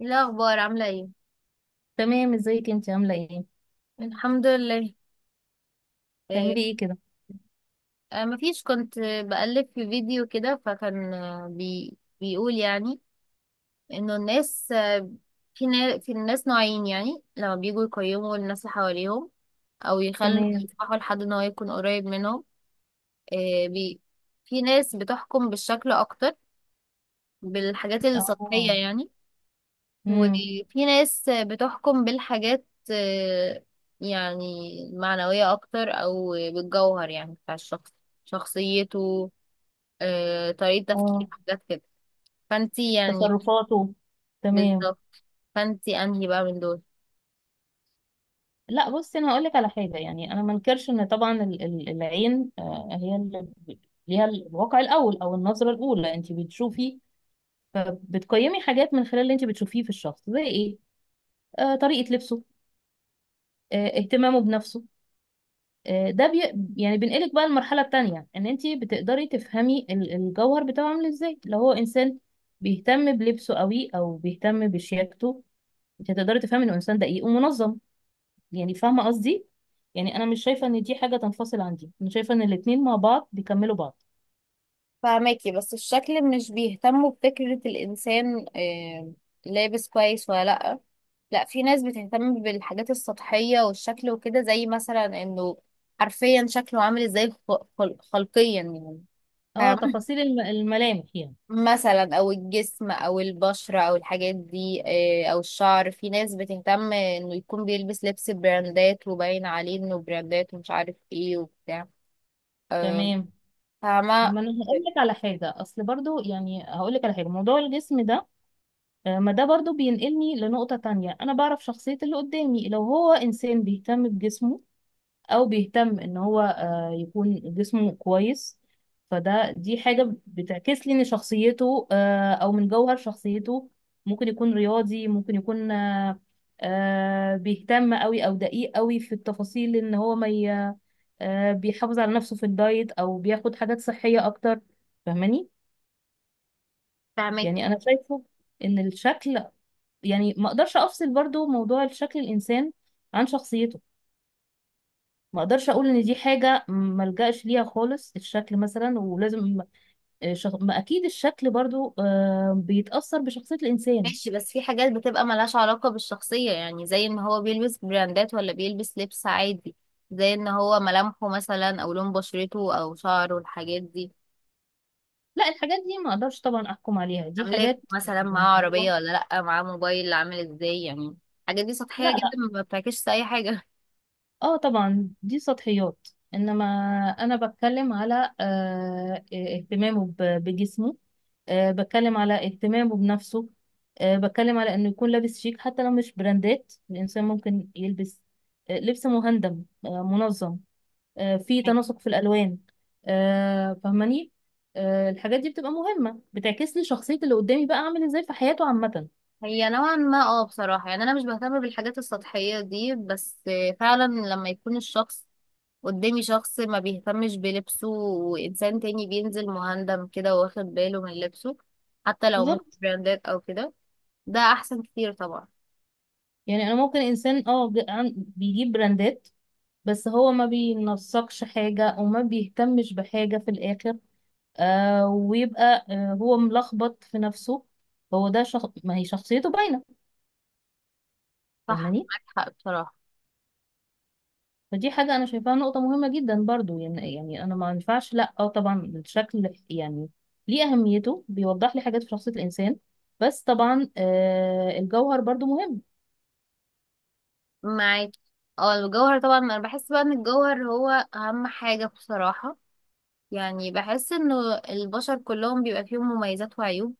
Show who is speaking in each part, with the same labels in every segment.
Speaker 1: إيه الأخبار عاملة ايه؟
Speaker 2: تمام، ازيك انت عامله ايه؟
Speaker 1: الحمد لله. إيه.
Speaker 2: تعملي ايه كده؟
Speaker 1: مفيش، كنت بقلب في فيديو كده، فكان آه، بي بيقول يعني انه الناس في الناس نوعين، يعني لما بيجوا يقيموا الناس اللي حواليهم او يخلوا
Speaker 2: تمام.
Speaker 1: يسمحوا لحد ان هو يكون قريب منهم. إيه في ناس بتحكم بالشكل اكتر، بالحاجات السطحية
Speaker 2: اه.
Speaker 1: يعني.
Speaker 2: امم.
Speaker 1: وفي ناس بتحكم بالحاجات آه، يعني المعنوية أكتر أو بالجوهر، يعني بتاع الشخص، شخصيته، طريقة تفكيره،
Speaker 2: اه.
Speaker 1: حاجات كده. فانتي يعني.
Speaker 2: تصرفاته. تمام.
Speaker 1: بالظبط. فانتي أنهي بقى من دول؟
Speaker 2: لا، بصي، انا هقول لك على حاجه. يعني انا ما انكرش ان طبعا العين هي اللي ليها الواقع الاول او النظره الاولى، انت بتشوفي، فبتقيمي حاجات من خلال اللي انت بتشوفيه في الشخص. زي ايه؟ طريقه لبسه، اهتمامه بنفسه، آه، ده بي... يعني بينقلك بقى المرحلة التانية، ان انت بتقدري تفهمي الجوهر بتاعه عامل ازاي. لو هو انسان بيهتم بلبسه قوي او بيهتم بشياكته، انت هتقدري تفهمي انه انسان دقيق ومنظم. يعني فاهمة قصدي؟ يعني انا مش شايفة ان دي حاجة تنفصل، عندي انا شايفة ان الاتنين مع بعض بيكملوا بعض.
Speaker 1: فهماكي، بس الشكل مش بيهتموا بفكرة الإنسان لابس كويس ولا لأ. لأ، في ناس بتهتم بالحاجات السطحية والشكل وكده، زي مثلا إنه حرفيا شكله عامل إزاي، خلقيا يعني،
Speaker 2: اه، تفاصيل الملامح يعني.
Speaker 1: مثلا او الجسم او البشرة او الحاجات دي او الشعر. في ناس بتهتم انه يكون بيلبس لبس براندات، وباين عليه انه براندات ومش عارف ايه وبتاع. آه،
Speaker 2: تمام.
Speaker 1: فاهمة.
Speaker 2: ما انا هقول لك على حاجة، اصل برضو يعني هقول لك على حاجة، موضوع الجسم ده. ما ده برضو بينقلني لنقطة تانية، أنا بعرف شخصية اللي قدامي. لو هو إنسان بيهتم بجسمه أو بيهتم إن هو يكون جسمه كويس، فده دي حاجة بتعكس لي إن شخصيته أو من جوهر شخصيته. ممكن يكون رياضي، ممكن يكون بيهتم أوي أو دقيق أوي في التفاصيل، إن هو ما ي- بيحافظ على نفسه في الدايت أو بياخد حاجات صحية أكتر. فاهماني؟
Speaker 1: فاهمك.
Speaker 2: يعني انا شايفه ان الشكل، يعني ما اقدرش افصل برضو موضوع الشكل الانسان عن شخصيته. ما اقدرش اقول ان دي حاجه ما الجاش ليها خالص، الشكل مثلا ولازم ما اكيد الشكل برضو بيتاثر بشخصيه الانسان.
Speaker 1: ماشي، بس في حاجات بتبقى ملهاش علاقة بالشخصية، يعني زي ان هو بيلبس براندات ولا بيلبس لبس عادي، زي ان هو ملامحه مثلا او لون بشرته او شعره، الحاجات دي.
Speaker 2: لا، الحاجات دي ما اقدرش طبعا احكم عليها، دي
Speaker 1: املاك
Speaker 2: حاجات.
Speaker 1: مثلا، معاه
Speaker 2: هو.
Speaker 1: عربية ولا لأ، معاه موبايل عامل ازاي يعني. الحاجات دي سطحية
Speaker 2: لا.
Speaker 1: جدا، ما بتعكسش اي حاجة.
Speaker 2: اه، طبعا دي سطحيات، انما انا بتكلم على آه، إيه، اهتمامه بجسمه، بتكلم على اهتمامه بنفسه، بتكلم على انه يكون لابس شيك حتى لو مش براندات. الانسان ممكن يلبس لبس مهندم، منظم، في تناسق في الالوان، فاهماني؟ الحاجات دي بتبقى مهمة، بتعكس لي شخصية اللي قدامي بقى عامل ازاي في حياته عامة.
Speaker 1: هي نوعا ما، اه، بصراحة يعني أنا مش بهتم بالحاجات السطحية دي، بس فعلا لما يكون الشخص قدامي شخص ما بيهتمش بلبسه، وإنسان تاني بينزل مهندم كده واخد باله من لبسه حتى لو مش
Speaker 2: بالظبط.
Speaker 1: براندات أو كده، ده أحسن كتير طبعا.
Speaker 2: يعني انا ممكن انسان بيجيب براندات، بس هو ما بينسقش حاجة وما بيهتمش بحاجة في الآخر. ويبقى هو ملخبط في نفسه. هو ده ما هي شخصيته باينة.
Speaker 1: صح،
Speaker 2: فاهماني؟
Speaker 1: معاك حق بصراحة.
Speaker 2: فدي حاجة أنا شايفاها نقطة مهمة جدا برضو. يعني أنا ما ينفعش، لأ أو طبعا الشكل يعني ليه أهميته، بيوضح لي حاجات في شخصية الإنسان، بس طبعا الجوهر برضو مهم.
Speaker 1: معاك. اه، الجوهر طبعا. أنا بحس بقى إن الجوهر هو أهم حاجة بصراحة. يعني بحس إنه البشر كلهم بيبقى فيهم مميزات وعيوب،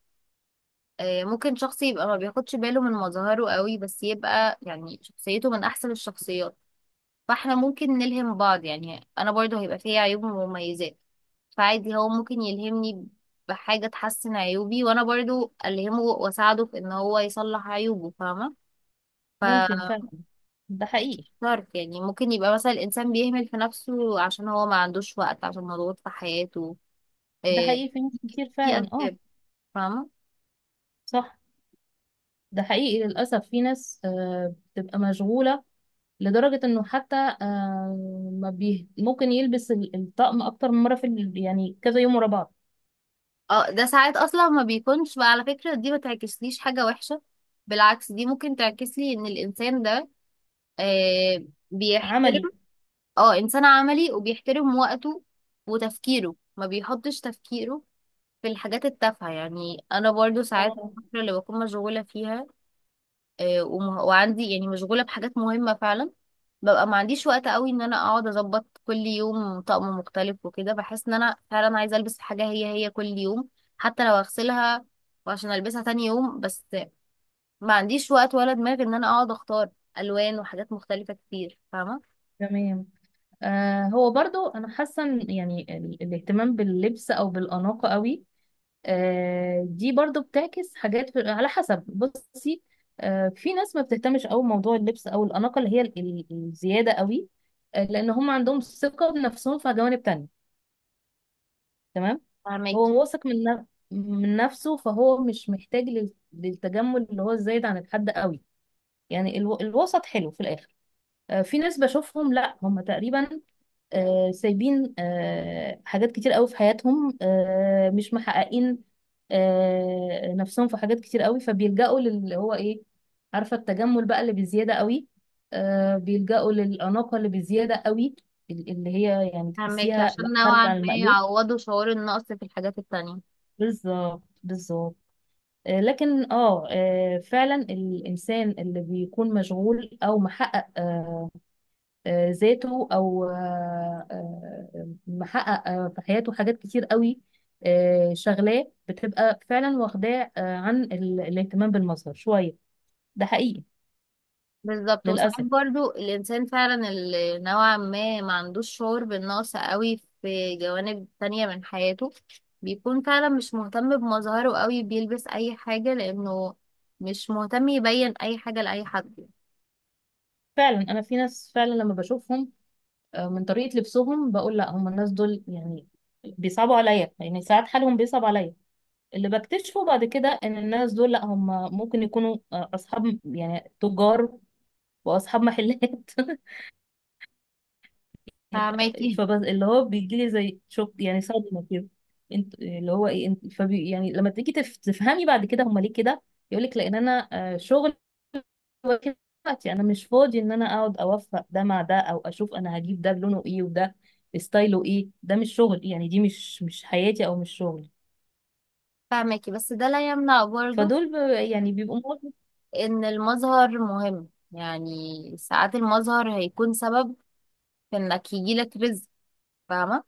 Speaker 1: ممكن شخص يبقى ما بياخدش باله من مظاهره قوي، بس يبقى يعني شخصيته من احسن الشخصيات. فاحنا ممكن نلهم بعض، يعني انا برضه هيبقى فيها عيوب ومميزات، فعادي هو ممكن يلهمني بحاجة تحسن عيوبي، وانا برضه الهمه واساعده في ان هو يصلح عيوبه، فاهمة. ف
Speaker 2: ممكن فعلا، ده حقيقي.
Speaker 1: عارف، يعني ممكن يبقى مثلا الانسان بيهمل في نفسه عشان هو ما عندوش وقت، عشان مضغوط في حياته،
Speaker 2: ده
Speaker 1: آه،
Speaker 2: حقيقي، في ناس كتير
Speaker 1: في
Speaker 2: فعلا، اه.
Speaker 1: اسباب، فاهمة.
Speaker 2: صح. ده حقيقي للأسف، في ناس بتبقى مشغولة لدرجة انه حتى آه، ما بيه ممكن يلبس الطقم اكتر من مرة في يعني كذا يوم ورا بعض.
Speaker 1: اه، ده ساعات اصلا ما بيكونش بقى على فكرة، دي ما تعكسليش حاجة وحشة، بالعكس دي ممكن تعكسلي ان الانسان ده آه بيحترم.
Speaker 2: عملي.
Speaker 1: اه، انسان عملي وبيحترم وقته، وتفكيره ما بيحطش تفكيره في الحاجات التافهة. يعني انا برضو ساعات
Speaker 2: آه.
Speaker 1: الفترة اللي بكون مشغولة فيها، وعندي يعني مشغولة بحاجات مهمة فعلا، ببقى ما عنديش وقت قوي ان انا اقعد اظبط كل يوم طقم مختلف، وكده بحس ان انا فعلا عايزة البس حاجة هي هي كل يوم، حتى لو اغسلها وعشان البسها تاني يوم بس. ما عنديش وقت ولا دماغ ان انا اقعد اختار الوان وحاجات مختلفة كتير، فاهمة.
Speaker 2: تمام. هو برضو، انا حاسة إن يعني الاهتمام باللبس او بالاناقة قوي، دي برضو بتعكس حاجات على حسب، بصي. في ناس ما بتهتمش قوي موضوع اللبس او الاناقة، اللي هي الزيادة قوي، لان هم عندهم ثقة بنفسهم في جوانب تانية. تمام.
Speaker 1: فهماكي.
Speaker 2: هو واثق من نفسه، فهو مش محتاج للتجمل اللي هو الزايد عن الحد قوي. يعني الوسط حلو في الاخر. في ناس بشوفهم، لا هم تقريبا سايبين حاجات كتير قوي في حياتهم، مش محققين نفسهم في حاجات كتير قوي، فبيلجأوا للي هو ايه؟ عارفة، التجمل بقى اللي بزيادة قوي، بيلجأوا للأناقة اللي بزيادة قوي، اللي هي يعني
Speaker 1: فهماكي،
Speaker 2: تحسيها لا،
Speaker 1: عشان نوعا
Speaker 2: خارجة عن
Speaker 1: ما
Speaker 2: المألوف.
Speaker 1: يعوضوا شعور النقص في الحاجات التانية.
Speaker 2: بالظبط، بالظبط. آه، لكن اه آه، فعلا الانسان اللي بيكون مشغول او محقق ذاته، او محقق في حياته حاجات كتير قوي، شغلاه بتبقى فعلا واخداه عن الاهتمام بالمظهر شويه. ده حقيقي
Speaker 1: بالظبط. وساعات
Speaker 2: للاسف.
Speaker 1: برضو الإنسان فعلا اللي نوعا ما ما عندوش شعور بالنقص قوي في جوانب تانية من حياته، بيكون فعلا مش مهتم بمظهره قوي، بيلبس أي حاجة لأنه مش مهتم يبين أي حاجة لأي حد.
Speaker 2: فعلا انا في ناس فعلا لما بشوفهم من طريقه لبسهم بقول لا هم، الناس دول يعني بيصعبوا عليا، يعني ساعات حالهم بيصعب عليا. اللي بكتشفه بعد كده، ان الناس دول لا هم ممكن يكونوا اصحاب يعني تجار واصحاب محلات
Speaker 1: فاهماكي.
Speaker 2: فبس اللي هو بيجي لي زي شوك، يعني صدمه كده. انت اللي هو ايه، انت فبي يعني لما تيجي تفهمي بعد كده هم ليه كده، يقول لك، لان انا شغل واكل وقتي، انا مش فاضي ان انا اقعد اوفق ده مع ده، او اشوف انا هجيب ده لونه ايه وده ستايله ايه. ده مش شغل يعني، دي مش حياتي او مش شغلي.
Speaker 1: فاهماكي، بس ده لا يمنع برضو
Speaker 2: فدول، يعني بيبقوا مواقف.
Speaker 1: إن المظهر مهم يعني، ساعات المظهر هيكون سبب في إنك يجيلك رزق، فاهمة.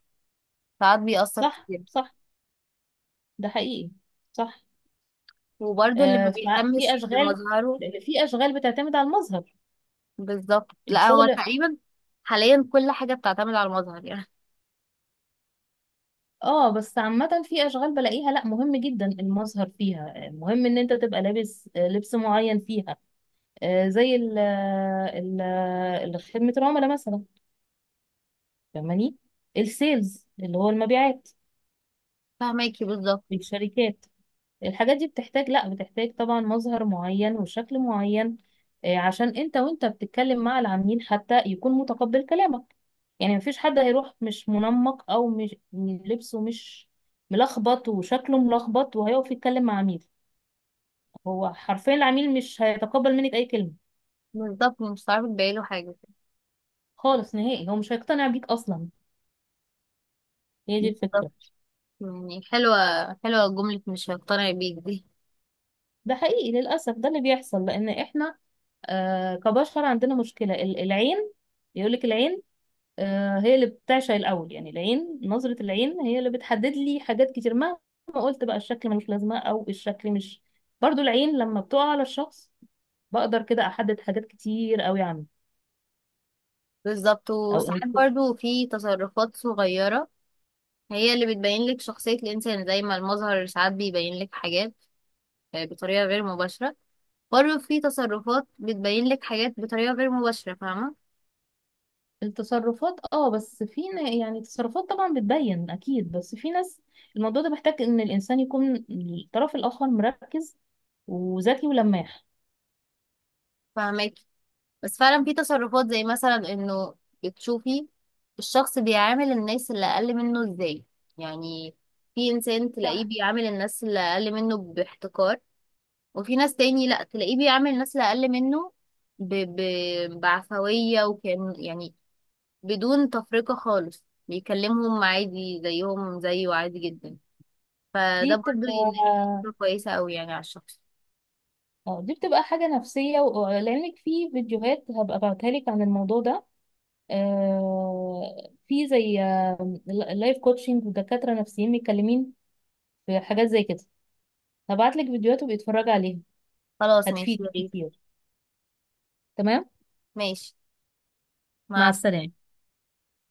Speaker 1: ساعات بيأثر
Speaker 2: صح،
Speaker 1: كتير.
Speaker 2: صح. ده حقيقي. صح.
Speaker 1: وبرضو اللي ما بيهتمش
Speaker 2: ففي اشغال،
Speaker 1: بمظهره.
Speaker 2: لان في اشغال بتعتمد على المظهر،
Speaker 1: بالظبط، لا هو
Speaker 2: الشغل.
Speaker 1: تقريبا حاليا كل حاجة بتعتمد على المظهر يعني.
Speaker 2: اه، بس عامة في اشغال بلاقيها لا، مهم جدا المظهر فيها، مهم ان انت تبقى لابس لبس معين فيها. زي خدمة العملاء مثلا. فاهماني؟ السيلز، اللي هو المبيعات
Speaker 1: فهماكي. بالظبط،
Speaker 2: في الشركات. الحاجات دي بتحتاج، لا بتحتاج طبعا مظهر معين وشكل معين، عشان انت وانت بتتكلم مع العميل حتى يكون متقبل كلامك. يعني مفيش حد هيروح مش منمق او مش لبسه، مش ملخبط وشكله ملخبط، وهيقف يتكلم مع عميل. هو حرفيا العميل مش هيتقبل منك اي كلمة،
Speaker 1: بالظبط، مش هتعرفي تبيعي له حاجة.
Speaker 2: خالص نهائي، هو مش هيقتنع بيك اصلا. هي دي الفكرة.
Speaker 1: بالظبط. يعني حلوة، حلوة جملة مش هقتنع بيك دي.
Speaker 2: ده حقيقي للأسف، ده اللي بيحصل، لأن احنا كبشر عندنا مشكلة العين. يقولك العين هي اللي بتعشق الأول، يعني العين، نظرة العين هي اللي بتحدد لي حاجات كتير، مهما قلت بقى الشكل ملوش لازمة أو الشكل مش، برضو العين لما بتقع على الشخص بقدر كده أحدد حاجات كتير قوي عنه.
Speaker 1: بالظبط.
Speaker 2: أو
Speaker 1: وساعات
Speaker 2: إن-
Speaker 1: برضو في تصرفات صغيرة هي اللي بتبين لك شخصية الإنسان، زي ما المظهر ساعات بيبين لك حاجات بطريقة غير مباشرة، برضو في تصرفات بتبين لك حاجات بطريقة غير مباشرة، فاهمة.
Speaker 2: التصرفات، اه بس يعني التصرفات طبعا بتبين أكيد، بس في ناس الموضوع ده محتاج إن الإنسان يكون الطرف الآخر مركز وذكي ولماح.
Speaker 1: فاهماكي، بس فعلا في تصرفات زي مثلا انه بتشوفي الشخص بيعامل الناس اللي اقل منه ازاي. يعني في انسان تلاقيه
Speaker 2: صح.
Speaker 1: بيعامل الناس اللي اقل منه باحتقار، وفي ناس تاني لا، تلاقيه بيعامل الناس اللي اقل منه ب... ب... بعفوية، وكان يعني بدون تفرقة خالص، بيكلمهم عادي زيهم زيه عادي جدا. فده
Speaker 2: دي
Speaker 1: برضه
Speaker 2: بتبقى
Speaker 1: يعني فكرة كويسة قوي يعني على الشخص.
Speaker 2: اه، دي بتبقى حاجة نفسية لأنك في فيديوهات هبقى ابعتها لك عن الموضوع ده، في زي لايف كوتشنج ودكاترة نفسيين متكلمين في حاجات زي كده، هبعت لك فيديوهات وبيتفرج عليها،
Speaker 1: خلاص ماشي، يا
Speaker 2: هتفيدك
Speaker 1: ريت.
Speaker 2: كتير. تمام.
Speaker 1: ماشي. مع
Speaker 2: مع السلامة.
Speaker 1: السلامة.